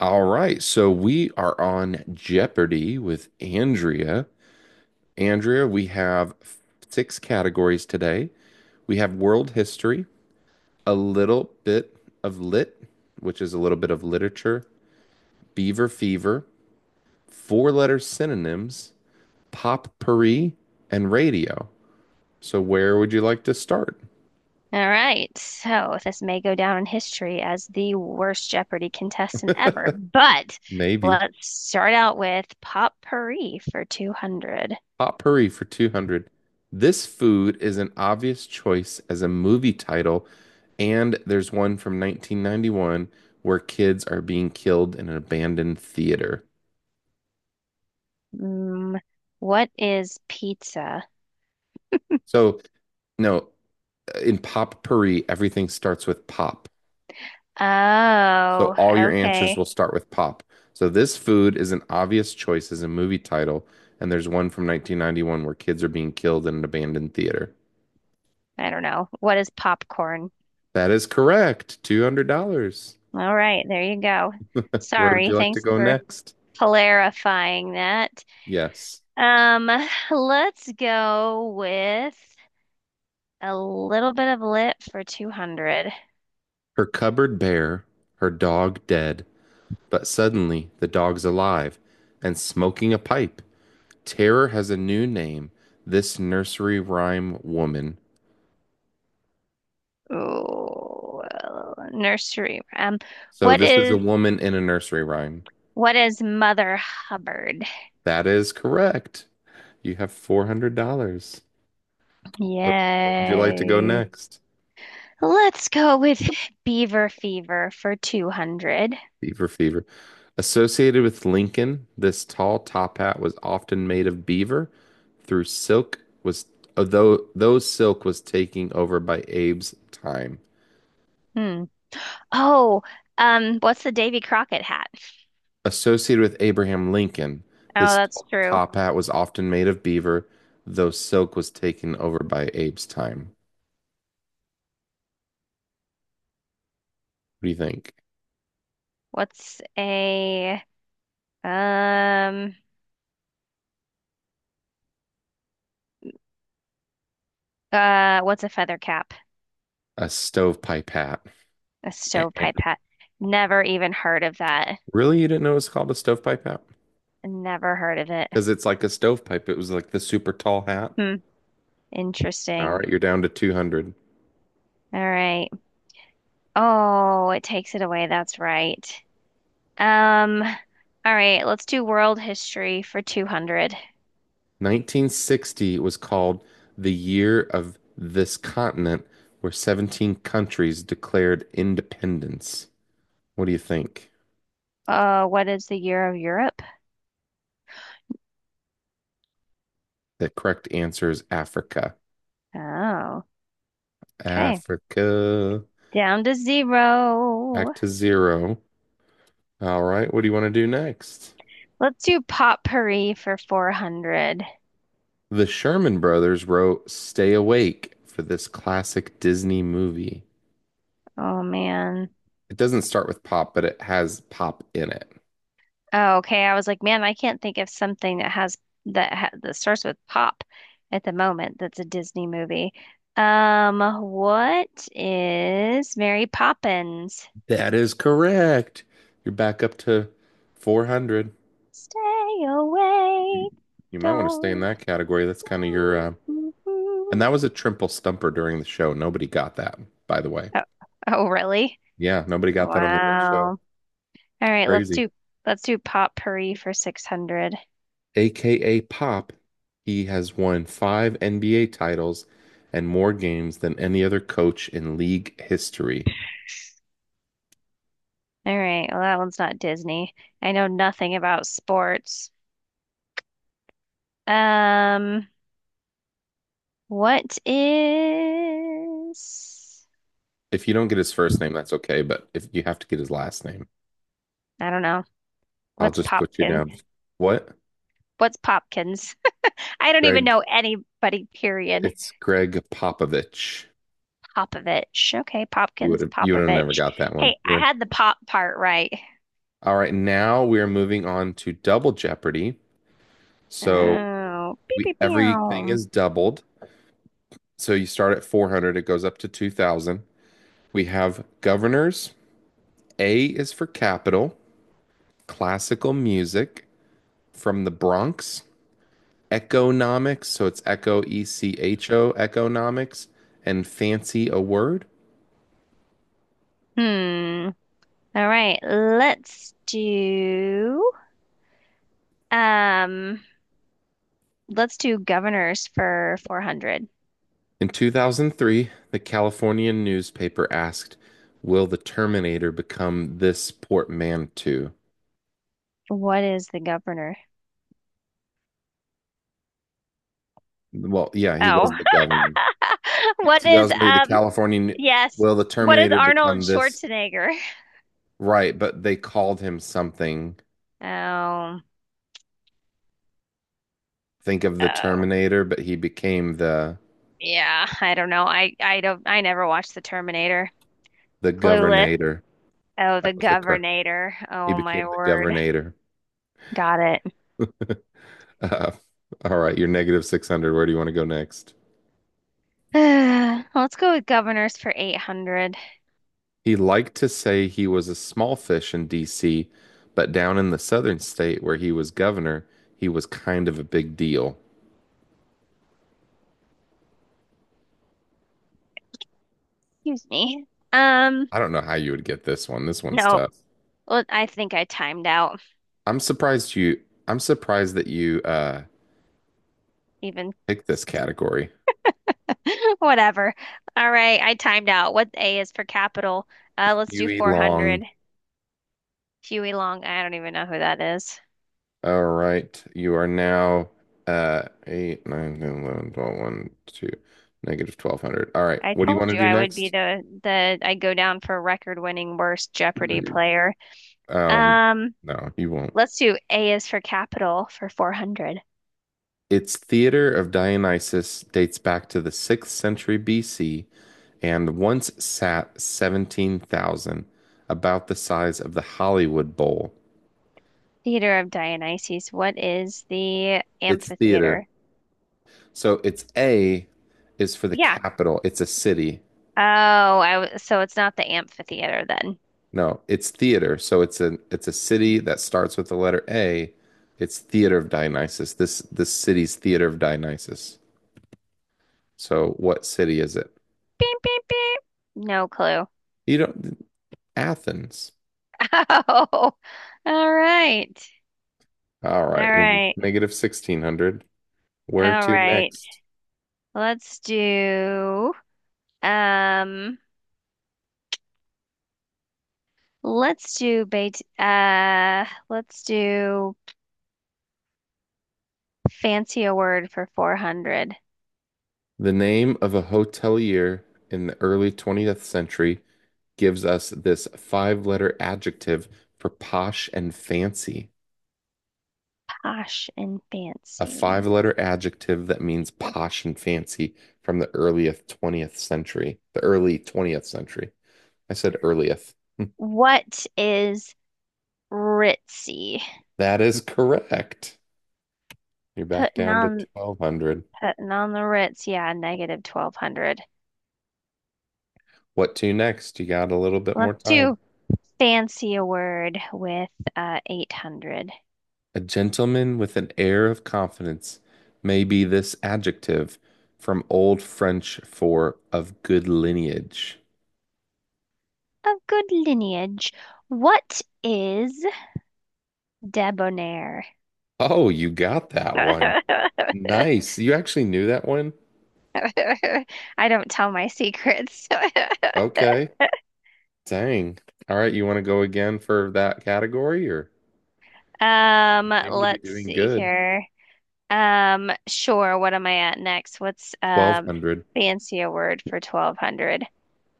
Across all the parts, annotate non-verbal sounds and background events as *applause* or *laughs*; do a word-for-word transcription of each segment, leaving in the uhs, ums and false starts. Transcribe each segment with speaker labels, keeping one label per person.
Speaker 1: All right, so we are on Jeopardy with Andrea. Andrea, we have six categories today. We have world history, a little bit of lit, which is a little bit of literature, beaver fever, four-letter synonyms, potpourri, and radio. So where would you like to start?
Speaker 2: All right, so this may go down in history as the worst Jeopardy contestant
Speaker 1: *laughs*
Speaker 2: ever, but
Speaker 1: Maybe.
Speaker 2: let's start out with potpourri for two hundred.
Speaker 1: Potpourri for two hundred. This food is an obvious choice as a movie title, and there's one from nineteen ninety-one where kids are being killed in an abandoned theater.
Speaker 2: Mm, what is pizza?
Speaker 1: So, no, in potpourri, everything starts with pop. So,
Speaker 2: Oh,
Speaker 1: all your answers
Speaker 2: okay.
Speaker 1: will start with pop. So, this food is an obvious choice as a movie title, and there's one from nineteen ninety-one where kids are being killed in an abandoned theater.
Speaker 2: I don't know. What is popcorn?
Speaker 1: That is correct. two hundred dollars.
Speaker 2: All right, there you go.
Speaker 1: Where would
Speaker 2: Sorry,
Speaker 1: you like to
Speaker 2: thanks
Speaker 1: go
Speaker 2: for
Speaker 1: next?
Speaker 2: clarifying that.
Speaker 1: Yes.
Speaker 2: Um, let's go with a little bit of lit for two hundred.
Speaker 1: Her cupboard bare, her dog dead, but suddenly the dog's alive and smoking a pipe. Terror has a new name, this nursery rhyme woman.
Speaker 2: Oh, well, nursery rhyme.
Speaker 1: So
Speaker 2: What
Speaker 1: this is a
Speaker 2: is
Speaker 1: woman in a nursery rhyme.
Speaker 2: what is Mother Hubbard?
Speaker 1: That is correct. You have four hundred dollars. Where, where would you like to go
Speaker 2: Yay.
Speaker 1: next?
Speaker 2: Let's go with Beaver Fever for two hundred.
Speaker 1: Fever, fever. Associated with Lincoln, this tall top hat was often made of beaver. Through silk was though though silk was taking over by Abe's time.
Speaker 2: Hmm. Oh, um, what's the Davy Crockett hat?
Speaker 1: Associated with Abraham Lincoln,
Speaker 2: Oh,
Speaker 1: this
Speaker 2: that's true.
Speaker 1: top hat was often made of beaver, though silk was taken over by Abe's time. What do you think?
Speaker 2: What's a um uh what's a feather cap?
Speaker 1: A stovepipe hat.
Speaker 2: A stovepipe
Speaker 1: *laughs*
Speaker 2: hat. Never even heard of that.
Speaker 1: Really, you didn't know it was called a stovepipe hat?
Speaker 2: Never heard of it.
Speaker 1: Because it's like a stovepipe. It was like the super tall hat.
Speaker 2: Hmm.
Speaker 1: All
Speaker 2: Interesting.
Speaker 1: right, you're down to two hundred.
Speaker 2: All right. Oh, it takes it away. That's right. Um, all right, let's do world history for two hundred.
Speaker 1: nineteen sixty was called the year of this continent, where seventeen countries declared independence. What do you think?
Speaker 2: Uh, what is the year of Europe?
Speaker 1: The correct answer is Africa.
Speaker 2: Oh, okay.
Speaker 1: Africa,
Speaker 2: Down to zero.
Speaker 1: back to zero. All right, what do you want to do next?
Speaker 2: Let's do potpourri for four hundred.
Speaker 1: The Sherman Brothers wrote Stay Awake for this classic Disney movie.
Speaker 2: Oh man.
Speaker 1: It doesn't start with pop, but it has pop in it.
Speaker 2: Oh, okay. I was like, man, I can't think of something that has that ha that starts with pop at the moment. That's a Disney movie. Um, what is Mary Poppins?
Speaker 1: That is correct. You're back up to four hundred.
Speaker 2: Stay awake.
Speaker 1: You might want to stay in
Speaker 2: Don't.
Speaker 1: that category. That's kind of your, uh, and
Speaker 2: Oh,
Speaker 1: that was a triple stumper during the show. Nobody got that, by the way.
Speaker 2: oh, really?
Speaker 1: Yeah, nobody got that on the real show.
Speaker 2: Wow. All right, let's
Speaker 1: Crazy.
Speaker 2: do let's do Potpourri for six hundred.
Speaker 1: A K A Pop, he has won five N B A titles and more games than any other coach in league history.
Speaker 2: All right, well that one's not Disney. I know nothing about sports. Um, what is
Speaker 1: If you don't get his first name, that's okay, but if you have to get his last name,
Speaker 2: I don't know.
Speaker 1: I'll
Speaker 2: What's
Speaker 1: just put you
Speaker 2: Popkin?
Speaker 1: down. What?
Speaker 2: What's Popkins? *laughs* I don't even
Speaker 1: Greg,
Speaker 2: know anybody, period.
Speaker 1: it's Greg Popovich.
Speaker 2: Popovich. Okay,
Speaker 1: You would
Speaker 2: Popkins,
Speaker 1: have you would have never
Speaker 2: Popovich.
Speaker 1: got that one.
Speaker 2: Hey,
Speaker 1: You
Speaker 2: I
Speaker 1: were.
Speaker 2: had the pop part right.
Speaker 1: All right, now we are moving on to Double Jeopardy. So
Speaker 2: Oh, beep,
Speaker 1: we
Speaker 2: beep,
Speaker 1: everything
Speaker 2: beow.
Speaker 1: is doubled. So you start at four hundred, it goes up to two thousand. We have governors. A is for capital, classical music from the Bronx, economics, so it's echo E C H O economics and fancy a word.
Speaker 2: Hmm. All right, let's do um let's do governors for four hundred.
Speaker 1: In two thousand three, the Californian newspaper asked, "Will the Terminator become this portmanteau?"
Speaker 2: What is the governor?
Speaker 1: Well, yeah, he
Speaker 2: Oh.
Speaker 1: was
Speaker 2: *laughs*
Speaker 1: the governor. In
Speaker 2: What is
Speaker 1: two thousand three, the
Speaker 2: um
Speaker 1: California,
Speaker 2: yes.
Speaker 1: will the
Speaker 2: What is
Speaker 1: Terminator
Speaker 2: Arnold
Speaker 1: become this?
Speaker 2: Schwarzenegger?
Speaker 1: Right, but they called him something.
Speaker 2: Oh.
Speaker 1: Think of the
Speaker 2: Oh.
Speaker 1: Terminator, but he became the
Speaker 2: Yeah, I don't know. I I don't I never watched The Terminator.
Speaker 1: the
Speaker 2: Clueless.
Speaker 1: Governator.
Speaker 2: Oh, the
Speaker 1: That was the correct.
Speaker 2: governor.
Speaker 1: He
Speaker 2: Oh
Speaker 1: became
Speaker 2: my
Speaker 1: the
Speaker 2: word.
Speaker 1: Governator. *laughs*
Speaker 2: Got it.
Speaker 1: Uh, all right, you're negative six hundred. Where do you want to go next?
Speaker 2: *sighs* Let's go with governors for eight hundred.
Speaker 1: He liked to say he was a small fish in D C, but down in the southern state where he was governor, he was kind of a big deal.
Speaker 2: Excuse me. Um,
Speaker 1: I don't know how you would get this one. This one's
Speaker 2: no.
Speaker 1: tough.
Speaker 2: Well, I think I timed out.
Speaker 1: I'm surprised you I'm surprised that you uh
Speaker 2: Even
Speaker 1: picked this category.
Speaker 2: *laughs* whatever. All right, I timed out. What A is for capital? Uh, let's do
Speaker 1: Huey
Speaker 2: four hundred.
Speaker 1: Long.
Speaker 2: Huey Long. I don't even know who that is.
Speaker 1: All right. You are now uh eight, nine, ten, eleven, twelve, one, two, negative twelve hundred. All right.
Speaker 2: I
Speaker 1: What do you want
Speaker 2: told you
Speaker 1: to do
Speaker 2: I would be
Speaker 1: next?
Speaker 2: the the I go down for record-winning worst Jeopardy
Speaker 1: *clears throat*
Speaker 2: player.
Speaker 1: Um,
Speaker 2: Um,
Speaker 1: no, you won't.
Speaker 2: let's do A is for capital for four hundred.
Speaker 1: Its theater of Dionysus dates back to the sixth century B C and once sat seventeen thousand, about the size of the Hollywood Bowl.
Speaker 2: Theater of Dionysus. What is the
Speaker 1: Its theater
Speaker 2: amphitheater?
Speaker 1: So it's A is for the
Speaker 2: Yeah.
Speaker 1: capital. It's a city.
Speaker 2: Oh, I w so it's not the amphitheater then.
Speaker 1: No, it's theater. So it's a it's a city that starts with the letter A. It's Theater of Dionysus. This this city's Theater of Dionysus. So what city is it?
Speaker 2: Beep, beep, beep. No clue.
Speaker 1: You don't Athens.
Speaker 2: *laughs* Oh, all right.
Speaker 1: All
Speaker 2: All
Speaker 1: right, you're
Speaker 2: right.
Speaker 1: negative sixteen hundred. Where
Speaker 2: All
Speaker 1: to
Speaker 2: right.
Speaker 1: next?
Speaker 2: Let's do um let's do bait uh let's do fancy a word for four hundred.
Speaker 1: The name of a hotelier in the early twentieth century gives us this five-letter adjective for posh and fancy.
Speaker 2: Posh and
Speaker 1: A
Speaker 2: fancy.
Speaker 1: five letter adjective that means posh and fancy from the earliest twentieth century, the early twentieth century. I said earliest. *laughs*
Speaker 2: What is ritzy?
Speaker 1: That is correct. You're back
Speaker 2: Putting
Speaker 1: down to
Speaker 2: on
Speaker 1: twelve hundred.
Speaker 2: Putting on the Ritz, yeah, negative twelve hundred.
Speaker 1: What to next? You got a little bit more
Speaker 2: Let's
Speaker 1: time.
Speaker 2: do fancy a word with uh, eight hundred.
Speaker 1: A gentleman with an air of confidence may be this adjective from Old French for of good lineage.
Speaker 2: A good lineage. What is debonair?
Speaker 1: Oh, you got that
Speaker 2: *laughs*
Speaker 1: one.
Speaker 2: I
Speaker 1: Nice. You actually knew that one?
Speaker 2: don't tell my secrets. *laughs*
Speaker 1: Okay. Dang. All right, you want to go again for that category, or
Speaker 2: Um,
Speaker 1: you seem to be
Speaker 2: let's
Speaker 1: doing
Speaker 2: see
Speaker 1: good.
Speaker 2: here. Um, sure, what am I at next? What's um
Speaker 1: twelve hundred.
Speaker 2: fancy a word for twelve hundred?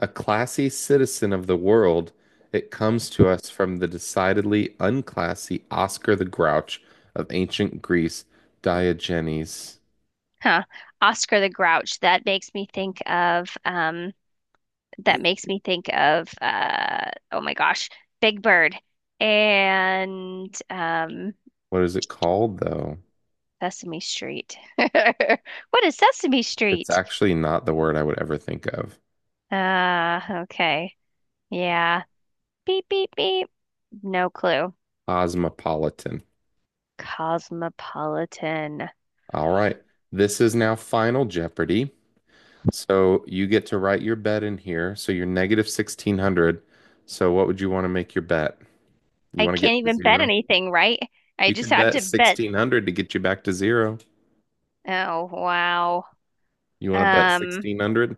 Speaker 1: A classy citizen of the world, it comes to us from the decidedly unclassy Oscar the Grouch of ancient Greece, Diogenes.
Speaker 2: Huh. Oscar the Grouch. That makes me think of um that makes me think of uh oh my gosh, Big Bird and um
Speaker 1: What is it called, though?
Speaker 2: Sesame Street. *laughs* What is Sesame
Speaker 1: It's
Speaker 2: Street?
Speaker 1: actually not the word I would ever think of.
Speaker 2: Uh okay. Yeah. Beep beep beep. No clue.
Speaker 1: Cosmopolitan.
Speaker 2: Cosmopolitan.
Speaker 1: All right. This is now Final Jeopardy. So you get to write your bet in here. So you're negative sixteen hundred. So what would you want to make your bet? You
Speaker 2: I
Speaker 1: want to
Speaker 2: can't
Speaker 1: get to
Speaker 2: even bet
Speaker 1: zero?
Speaker 2: anything, right? I
Speaker 1: You
Speaker 2: just
Speaker 1: could
Speaker 2: have
Speaker 1: bet
Speaker 2: to bet.
Speaker 1: sixteen hundred to get you back to zero.
Speaker 2: Oh wow.
Speaker 1: You want to bet
Speaker 2: Um
Speaker 1: sixteen hundred?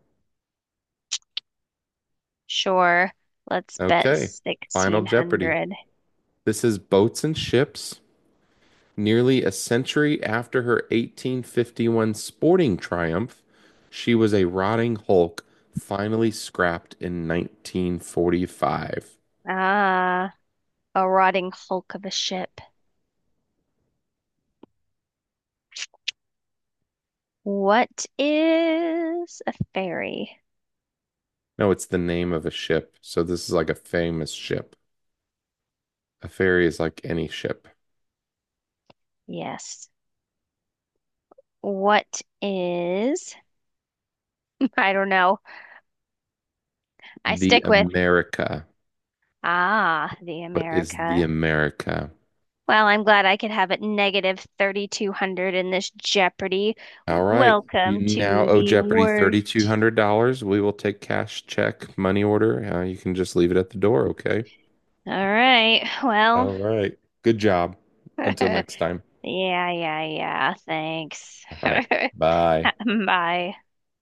Speaker 2: sure. Let's bet
Speaker 1: Okay. Final Jeopardy.
Speaker 2: sixteen hundred.
Speaker 1: This is Boats and Ships. Nearly a century after her eighteen fifty-one sporting triumph, she was a rotting hulk, finally scrapped in nineteen forty-five.
Speaker 2: Ah, a rotting hulk of a ship. What is a fairy?
Speaker 1: No, it's the name of a ship. So this is like a famous ship. A ferry is like any ship.
Speaker 2: Yes. What is? *laughs* I don't know. I
Speaker 1: The
Speaker 2: stick with
Speaker 1: America.
Speaker 2: ah, the
Speaker 1: What is the
Speaker 2: America.
Speaker 1: America?
Speaker 2: Well, I'm glad I could have it negative thirty-two hundred in this Jeopardy.
Speaker 1: All right. You
Speaker 2: Welcome
Speaker 1: now
Speaker 2: to
Speaker 1: owe
Speaker 2: the
Speaker 1: Jeopardy
Speaker 2: worst.
Speaker 1: thirty-two hundred dollars. We will take cash, check, money order. Uh, you can just leave it at the door, okay?
Speaker 2: All right. Well,
Speaker 1: All right. Good job.
Speaker 2: *laughs*
Speaker 1: Until
Speaker 2: yeah,
Speaker 1: next time.
Speaker 2: yeah, yeah. Thanks.
Speaker 1: All right.
Speaker 2: *laughs*
Speaker 1: Bye.
Speaker 2: Bye.